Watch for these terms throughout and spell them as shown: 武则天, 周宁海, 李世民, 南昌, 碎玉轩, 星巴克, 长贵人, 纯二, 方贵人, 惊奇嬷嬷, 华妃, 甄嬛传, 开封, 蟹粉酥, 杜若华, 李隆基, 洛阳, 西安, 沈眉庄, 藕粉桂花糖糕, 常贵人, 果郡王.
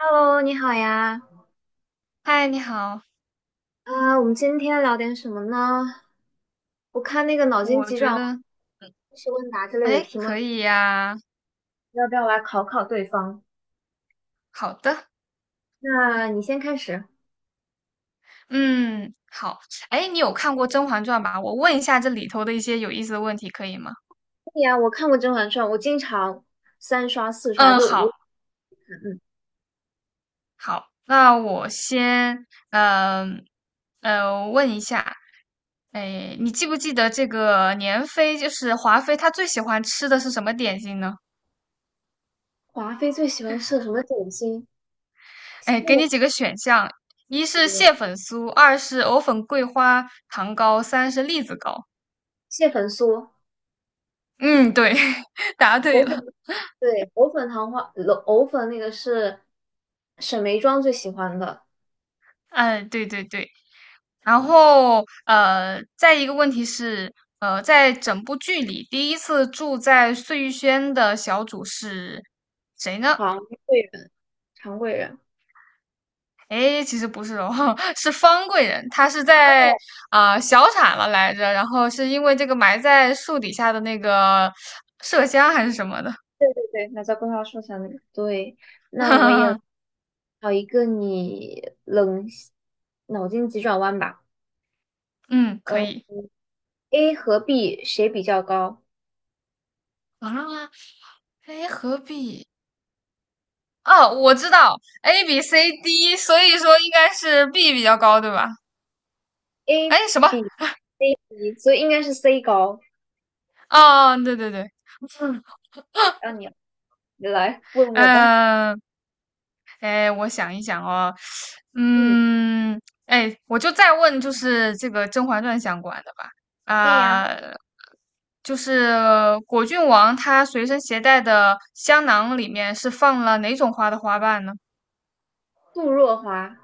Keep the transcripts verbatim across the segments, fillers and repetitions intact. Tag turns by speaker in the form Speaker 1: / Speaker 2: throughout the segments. Speaker 1: Hello，你好呀。
Speaker 2: 嗨，你好，
Speaker 1: 啊、我们今天聊点什么呢？我看那个脑筋
Speaker 2: 我
Speaker 1: 急转
Speaker 2: 觉
Speaker 1: 弯、
Speaker 2: 得，
Speaker 1: 知识问答之类的
Speaker 2: 哎，
Speaker 1: 题目，
Speaker 2: 可以呀，
Speaker 1: 要不要来考考对方？
Speaker 2: 好的，
Speaker 1: 那你先开始。
Speaker 2: 嗯，好，哎，你有看过《甄嬛传》吧？我问一下这里头的一些有意思的问题，可以吗？
Speaker 1: 对呀，我看过《甄嬛传》，我经常三刷四刷，
Speaker 2: 嗯，
Speaker 1: 就无
Speaker 2: 好，
Speaker 1: 嗯，
Speaker 2: 好，那我先，嗯、呃，问一下，哎，你记不记得这个年妃，就是华妃，她最喜欢吃的是什么点心呢？
Speaker 1: 华妃最喜欢吃的什么点心？
Speaker 2: 哎，给你
Speaker 1: 那
Speaker 2: 几个选项，一是蟹粉酥，二是藕粉桂花糖糕，三是栗子糕。
Speaker 1: 蟹粉酥、
Speaker 2: 嗯，对，答对
Speaker 1: 藕粉，
Speaker 2: 了。
Speaker 1: 对，藕粉糖花，藕粉那个是沈眉庄最喜欢的。
Speaker 2: 哎，对对对，然后呃，再一个问题是，呃，在整部剧里，第一次住在碎玉轩的小主是谁呢？
Speaker 1: 长贵人，常贵人。
Speaker 2: 哎，其实不是哦，是方贵人，她是在啊、小产了来着，然后是因为这个埋在树底下的那个麝香还是什么的，
Speaker 1: 对，那吒、规划树上，那个。对，那我也 找一个你冷脑筋急转弯吧。
Speaker 2: 嗯，可
Speaker 1: 嗯
Speaker 2: 以
Speaker 1: ，A 和 B 谁比较高
Speaker 2: 上啊，哎，何必？哦，我知道 A B C D,所以说应该是 B 比较高，对吧？
Speaker 1: ？A
Speaker 2: 哎，什么？
Speaker 1: 比 B，所以应该是 C 高。
Speaker 2: 哦，对对对，
Speaker 1: 让你你来问我吧。
Speaker 2: 嗯，呃哎，我想一想哦，
Speaker 1: 嗯，
Speaker 2: 嗯，哎，我就再问，就是这个《甄嬛传》相关的吧，
Speaker 1: 对呀，
Speaker 2: 啊、就是果郡王他随身携带的香囊里面是放了哪种花的花瓣呢？
Speaker 1: 杜若华，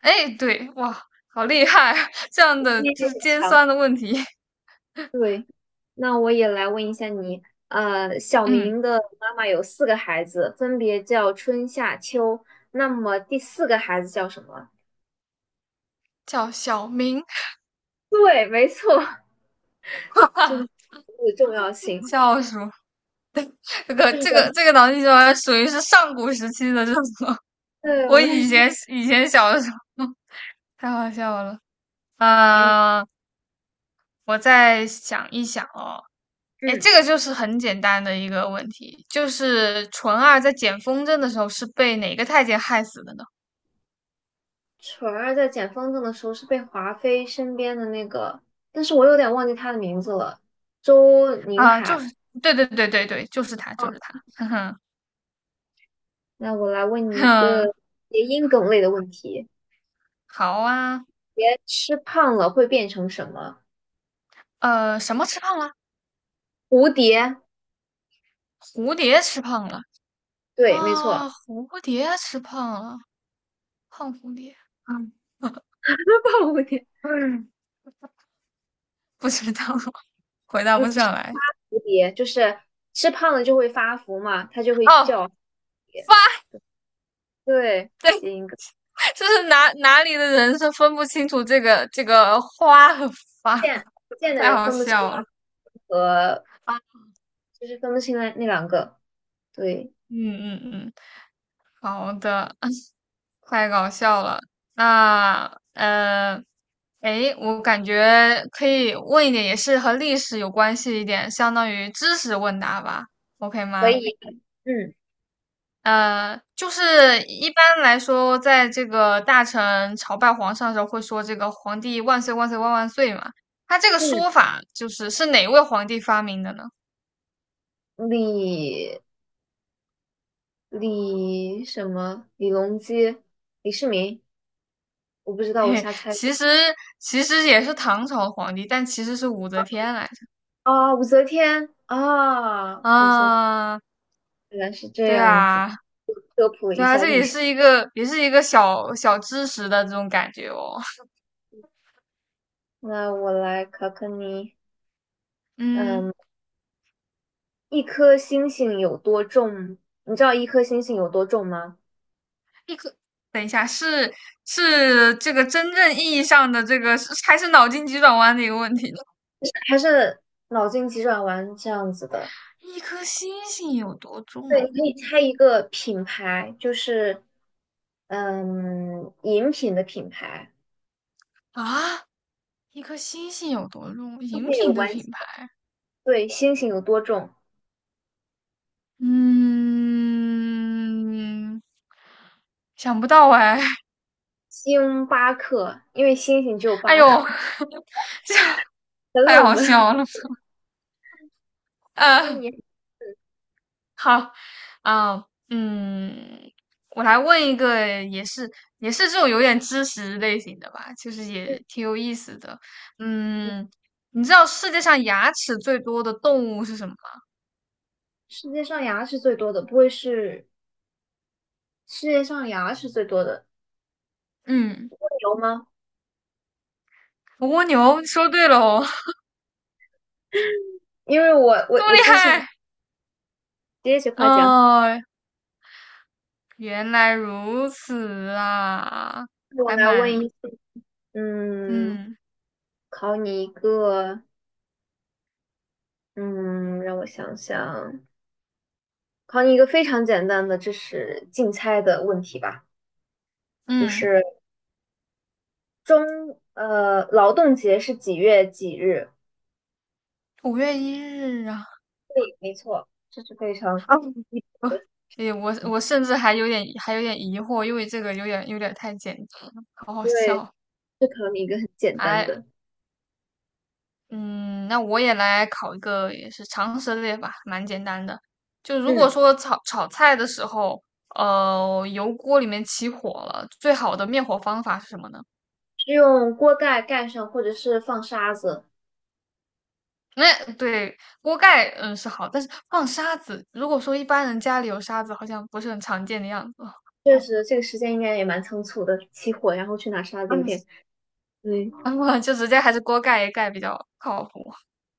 Speaker 2: 哎，对，哇，好厉害啊 这样的
Speaker 1: 你
Speaker 2: 就
Speaker 1: 也
Speaker 2: 是
Speaker 1: 很
Speaker 2: 尖
Speaker 1: 强。
Speaker 2: 酸的问题，
Speaker 1: 对，那我也来问一下你。呃，小
Speaker 2: 嗯，
Speaker 1: 明的妈妈有四个孩子，分别叫春夏秋。那么第四个孩子叫什么？
Speaker 2: 叫小明，
Speaker 1: 对，没错。就是的重要性，
Speaker 2: 叫什么？这个
Speaker 1: 就是
Speaker 2: 这
Speaker 1: 叫
Speaker 2: 个这个脑筋急转弯属于是上古时期的这种。
Speaker 1: 对
Speaker 2: 我
Speaker 1: 我也
Speaker 2: 以
Speaker 1: 是
Speaker 2: 前 以前小的时候 太好笑了。
Speaker 1: 给你，
Speaker 2: 呃，我再想一想哦。哎，
Speaker 1: 嗯，
Speaker 2: 这个就是很简单的一个问题，就是纯二在捡风筝的时候是被哪个太监害死的呢？
Speaker 1: 纯儿在捡风筝的时候是被华妃身边的那个，但是我有点忘记他的名字了，周宁
Speaker 2: 啊、就
Speaker 1: 海。
Speaker 2: 是对对对对对，就是他，就是他。哼哼
Speaker 1: 那我来问你一个
Speaker 2: 哼，
Speaker 1: 谐音梗类的问题：
Speaker 2: 好啊。
Speaker 1: 别吃胖了会变成什么？
Speaker 2: 呃，什么吃胖了？
Speaker 1: 蝴蝶，
Speaker 2: 蝴蝶吃胖了
Speaker 1: 对，没
Speaker 2: 啊！
Speaker 1: 错，
Speaker 2: 蝴蝶吃胖了，胖蝴蝶。嗯
Speaker 1: 胖蝴蝶，
Speaker 2: 嗯，不知道，回答
Speaker 1: 嗯，
Speaker 2: 不
Speaker 1: 是
Speaker 2: 上
Speaker 1: 发
Speaker 2: 来。
Speaker 1: 蝴蝶，就是吃胖了就会发福嘛，它就会
Speaker 2: 哦，
Speaker 1: 叫蝴蝶。
Speaker 2: 发。
Speaker 1: 对，谐音梗，
Speaker 2: 这是哪哪里的人是分不清楚这个这个花和
Speaker 1: 不
Speaker 2: 发，
Speaker 1: 见不 见的
Speaker 2: 太
Speaker 1: 人
Speaker 2: 好
Speaker 1: 分不清
Speaker 2: 笑了
Speaker 1: 啊
Speaker 2: 啊
Speaker 1: 就是分不清那那两个，对，
Speaker 2: 嗯嗯嗯，好的，太搞笑了。那呃，诶，我感觉可以问一点，也是和历史有关系一点，相当于知识问答吧，OK
Speaker 1: 所
Speaker 2: 吗？
Speaker 1: 以，嗯
Speaker 2: 呃，就是一般来说，在这个大臣朝拜皇上的时候，会说这个"皇帝万岁万岁万万岁"嘛。他这个
Speaker 1: 嗯，
Speaker 2: 说法就是是哪位皇帝发明的呢？
Speaker 1: 李李什么李隆基、李世民，我不知道，
Speaker 2: 嘿
Speaker 1: 我
Speaker 2: 嘿，
Speaker 1: 瞎猜的
Speaker 2: 其实其实也是唐朝的皇帝，但其实是武则天来着。
Speaker 1: 啊，武则天啊，武则天
Speaker 2: 啊，
Speaker 1: 原来是这
Speaker 2: 对
Speaker 1: 样子。
Speaker 2: 啊，对啊，这也是一个也是一个小小知识的这种感觉哦。
Speaker 1: 那我来考考你，
Speaker 2: 嗯，
Speaker 1: 嗯，一颗星星有多重？你知道一颗星星有多重吗？
Speaker 2: 一个等一下，是是这个真正意义上的这个，是还是脑筋急转弯的一个问题？呢？
Speaker 1: 还是脑筋急转弯这样子的？
Speaker 2: 一颗星星有多
Speaker 1: 对，
Speaker 2: 重
Speaker 1: 你可以猜一个品牌，就是嗯，饮品的品牌，
Speaker 2: 啊？一颗星星有多重？
Speaker 1: 并
Speaker 2: 饮
Speaker 1: 且有
Speaker 2: 品的
Speaker 1: 关系。
Speaker 2: 品牌，
Speaker 1: 对，星星有多重？
Speaker 2: 嗯，想不到哎，
Speaker 1: 星巴克，因为星星只有
Speaker 2: 哎
Speaker 1: 八颗，
Speaker 2: 呦，
Speaker 1: 很
Speaker 2: 太
Speaker 1: 冷
Speaker 2: 好
Speaker 1: 门。
Speaker 2: 笑了。
Speaker 1: 那
Speaker 2: 呃，
Speaker 1: 你
Speaker 2: 好，啊、嗯，我来问一个，也是也是这种有点知识类型的吧，就是也挺有意思的。嗯，你知道世界上牙齿最多的动物是什么吗？
Speaker 1: 世界上牙是最多的，不会是世界上牙是最多的？
Speaker 2: 嗯，
Speaker 1: 有吗？
Speaker 2: 蜗牛，说对了哦。
Speaker 1: 因为我我
Speaker 2: 这么
Speaker 1: 我
Speaker 2: 厉
Speaker 1: 之前
Speaker 2: 害？
Speaker 1: 接着夸奖，
Speaker 2: 哦，原来如此啊，
Speaker 1: 我
Speaker 2: 还
Speaker 1: 来问
Speaker 2: 蛮，
Speaker 1: 一，嗯，
Speaker 2: 嗯
Speaker 1: 考你一个，嗯，让我想想，考你一个非常简单的，这是竞猜的问题吧？就
Speaker 2: 嗯，
Speaker 1: 是中呃劳动节是几月几日？
Speaker 2: 五月一日啊，
Speaker 1: 对，没错，这是非常
Speaker 2: 啊我诶 我我甚至还有点还有点疑惑，因为这个有点有点太简单了，好好
Speaker 1: 对，
Speaker 2: 笑。
Speaker 1: 这考你一个很简单
Speaker 2: 哎，
Speaker 1: 的，
Speaker 2: 嗯，那我也来考一个也是常识类吧，蛮简单的。就如果
Speaker 1: 嗯，
Speaker 2: 说炒炒菜的时候，呃，油锅里面起火了，最好的灭火方法是什么呢？
Speaker 1: 是用锅盖盖上或者是放沙子。
Speaker 2: 那对锅盖，嗯，是好，但是放沙子，如果说一般人家里有沙子，好像不是很常见的样子。
Speaker 1: 确实，这个时间应该也蛮仓促的，起火然后去拿沙子，有
Speaker 2: 嗯，
Speaker 1: 点对，
Speaker 2: 然后就直接还是锅盖一盖比较靠谱。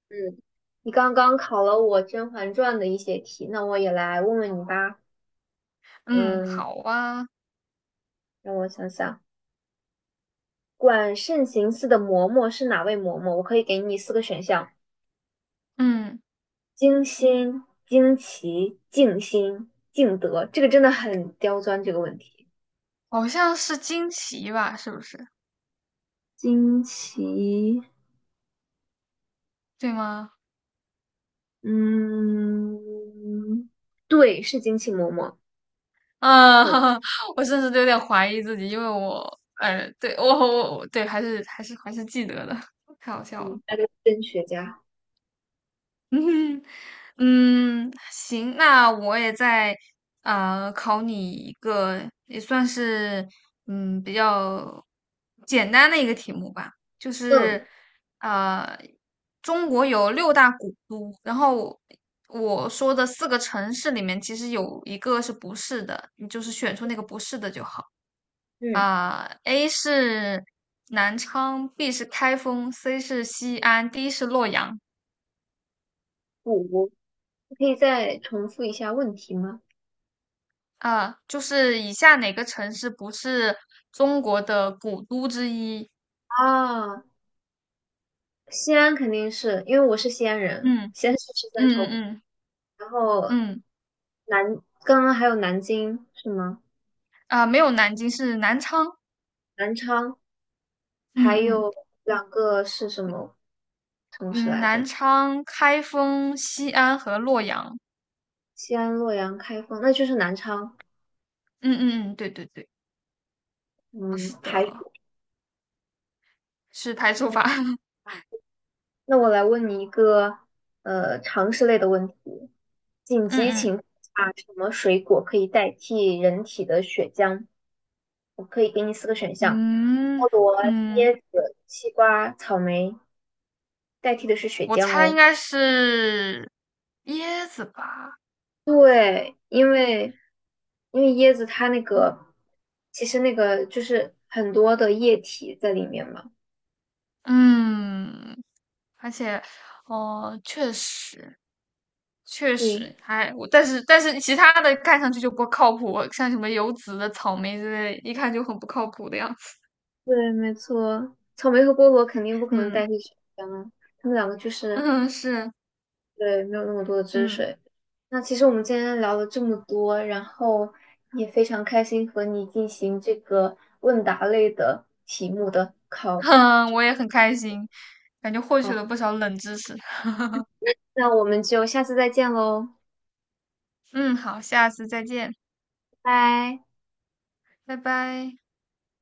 Speaker 1: 嗯。你刚刚考了我《甄嬛传》的一些题，那我也来问问你吧。
Speaker 2: 嗯，
Speaker 1: 嗯，
Speaker 2: 好啊，
Speaker 1: 让我想想。管慎行寺的嬷嬷是哪位嬷嬷？我可以给你四个选项：
Speaker 2: 嗯，
Speaker 1: 精心、惊奇、静心、敬德。这个真的很刁钻，这个问题。
Speaker 2: 好像是惊奇吧，是不是？
Speaker 1: 惊奇，
Speaker 2: 对吗？
Speaker 1: 嗯，对，是惊奇嬷嬷，
Speaker 2: 啊，
Speaker 1: 很
Speaker 2: 我甚至都有点怀疑自己，因为我，呃，对我我我对，还是还是还是记得的，太好笑了。
Speaker 1: 嗯，那是真学家。
Speaker 2: 嗯哼，嗯，行，那我也再啊，考你一个，也算是嗯比较简单的一个题目吧，就
Speaker 1: 嗯
Speaker 2: 是呃中国有六大古都，然后我说的四个城市里面其实有一个是不是的，你就是选出那个不是的就好。
Speaker 1: 嗯，
Speaker 2: 啊、a 是南昌，B 是开封，C 是西安，D 是洛阳。
Speaker 1: 五，你可以再重复一下问题吗？
Speaker 2: 啊，就是以下哪个城市不是中国的古都之一？
Speaker 1: 啊，西安肯定是因为我是西安人，
Speaker 2: 嗯
Speaker 1: 西安是十三
Speaker 2: 嗯
Speaker 1: 朝古，
Speaker 2: 嗯
Speaker 1: 然后
Speaker 2: 嗯嗯，
Speaker 1: 南，刚刚还有南京是吗？
Speaker 2: 啊，没有南京，是南昌。
Speaker 1: 南昌，
Speaker 2: 嗯
Speaker 1: 还
Speaker 2: 嗯
Speaker 1: 有两个是什么城市
Speaker 2: 嗯，
Speaker 1: 来
Speaker 2: 南
Speaker 1: 着？
Speaker 2: 昌、开封、西安和洛阳。
Speaker 1: 西安、洛阳、开封，那就是南昌。
Speaker 2: 嗯嗯嗯，对对对，
Speaker 1: 嗯，
Speaker 2: 是
Speaker 1: 排
Speaker 2: 的，
Speaker 1: 除。
Speaker 2: 是排除
Speaker 1: 嗯
Speaker 2: 法。
Speaker 1: 那我来问你一个呃常识类的问题：紧急情
Speaker 2: 嗯
Speaker 1: 况下，什么水果可以代替人体的血浆？我可以给你四个选项：
Speaker 2: 嗯
Speaker 1: 菠萝、
Speaker 2: 嗯嗯，
Speaker 1: 椰子、西瓜、草莓。代替的是血
Speaker 2: 我
Speaker 1: 浆
Speaker 2: 猜应
Speaker 1: 哦。
Speaker 2: 该是椰子吧。
Speaker 1: 对，因为因为椰子它那
Speaker 2: 嗯，
Speaker 1: 个其实那个就是很多的液体在里面嘛。
Speaker 2: 嗯而且，哦、确实，确
Speaker 1: 对，
Speaker 2: 实还我，但是但是其他的看上去就不靠谱，像什么有籽的、草莓之类，一看就很不靠谱的样子。
Speaker 1: 对，没错，草莓和菠萝肯定不可能
Speaker 2: 嗯
Speaker 1: 代替水果啊，它们两个就是
Speaker 2: 嗯，是
Speaker 1: 对没有那么多的汁
Speaker 2: 嗯
Speaker 1: 水。那其实我们今天聊了这么多，然后也非常开心和你进行这个问答类的题目的
Speaker 2: 哼，
Speaker 1: 考。
Speaker 2: 我也很开心，感觉获取
Speaker 1: 好，
Speaker 2: 了不少冷知识。
Speaker 1: 那我们就下次再见喽，
Speaker 2: 嗯，好，下次再见，
Speaker 1: 拜拜。
Speaker 2: 拜拜。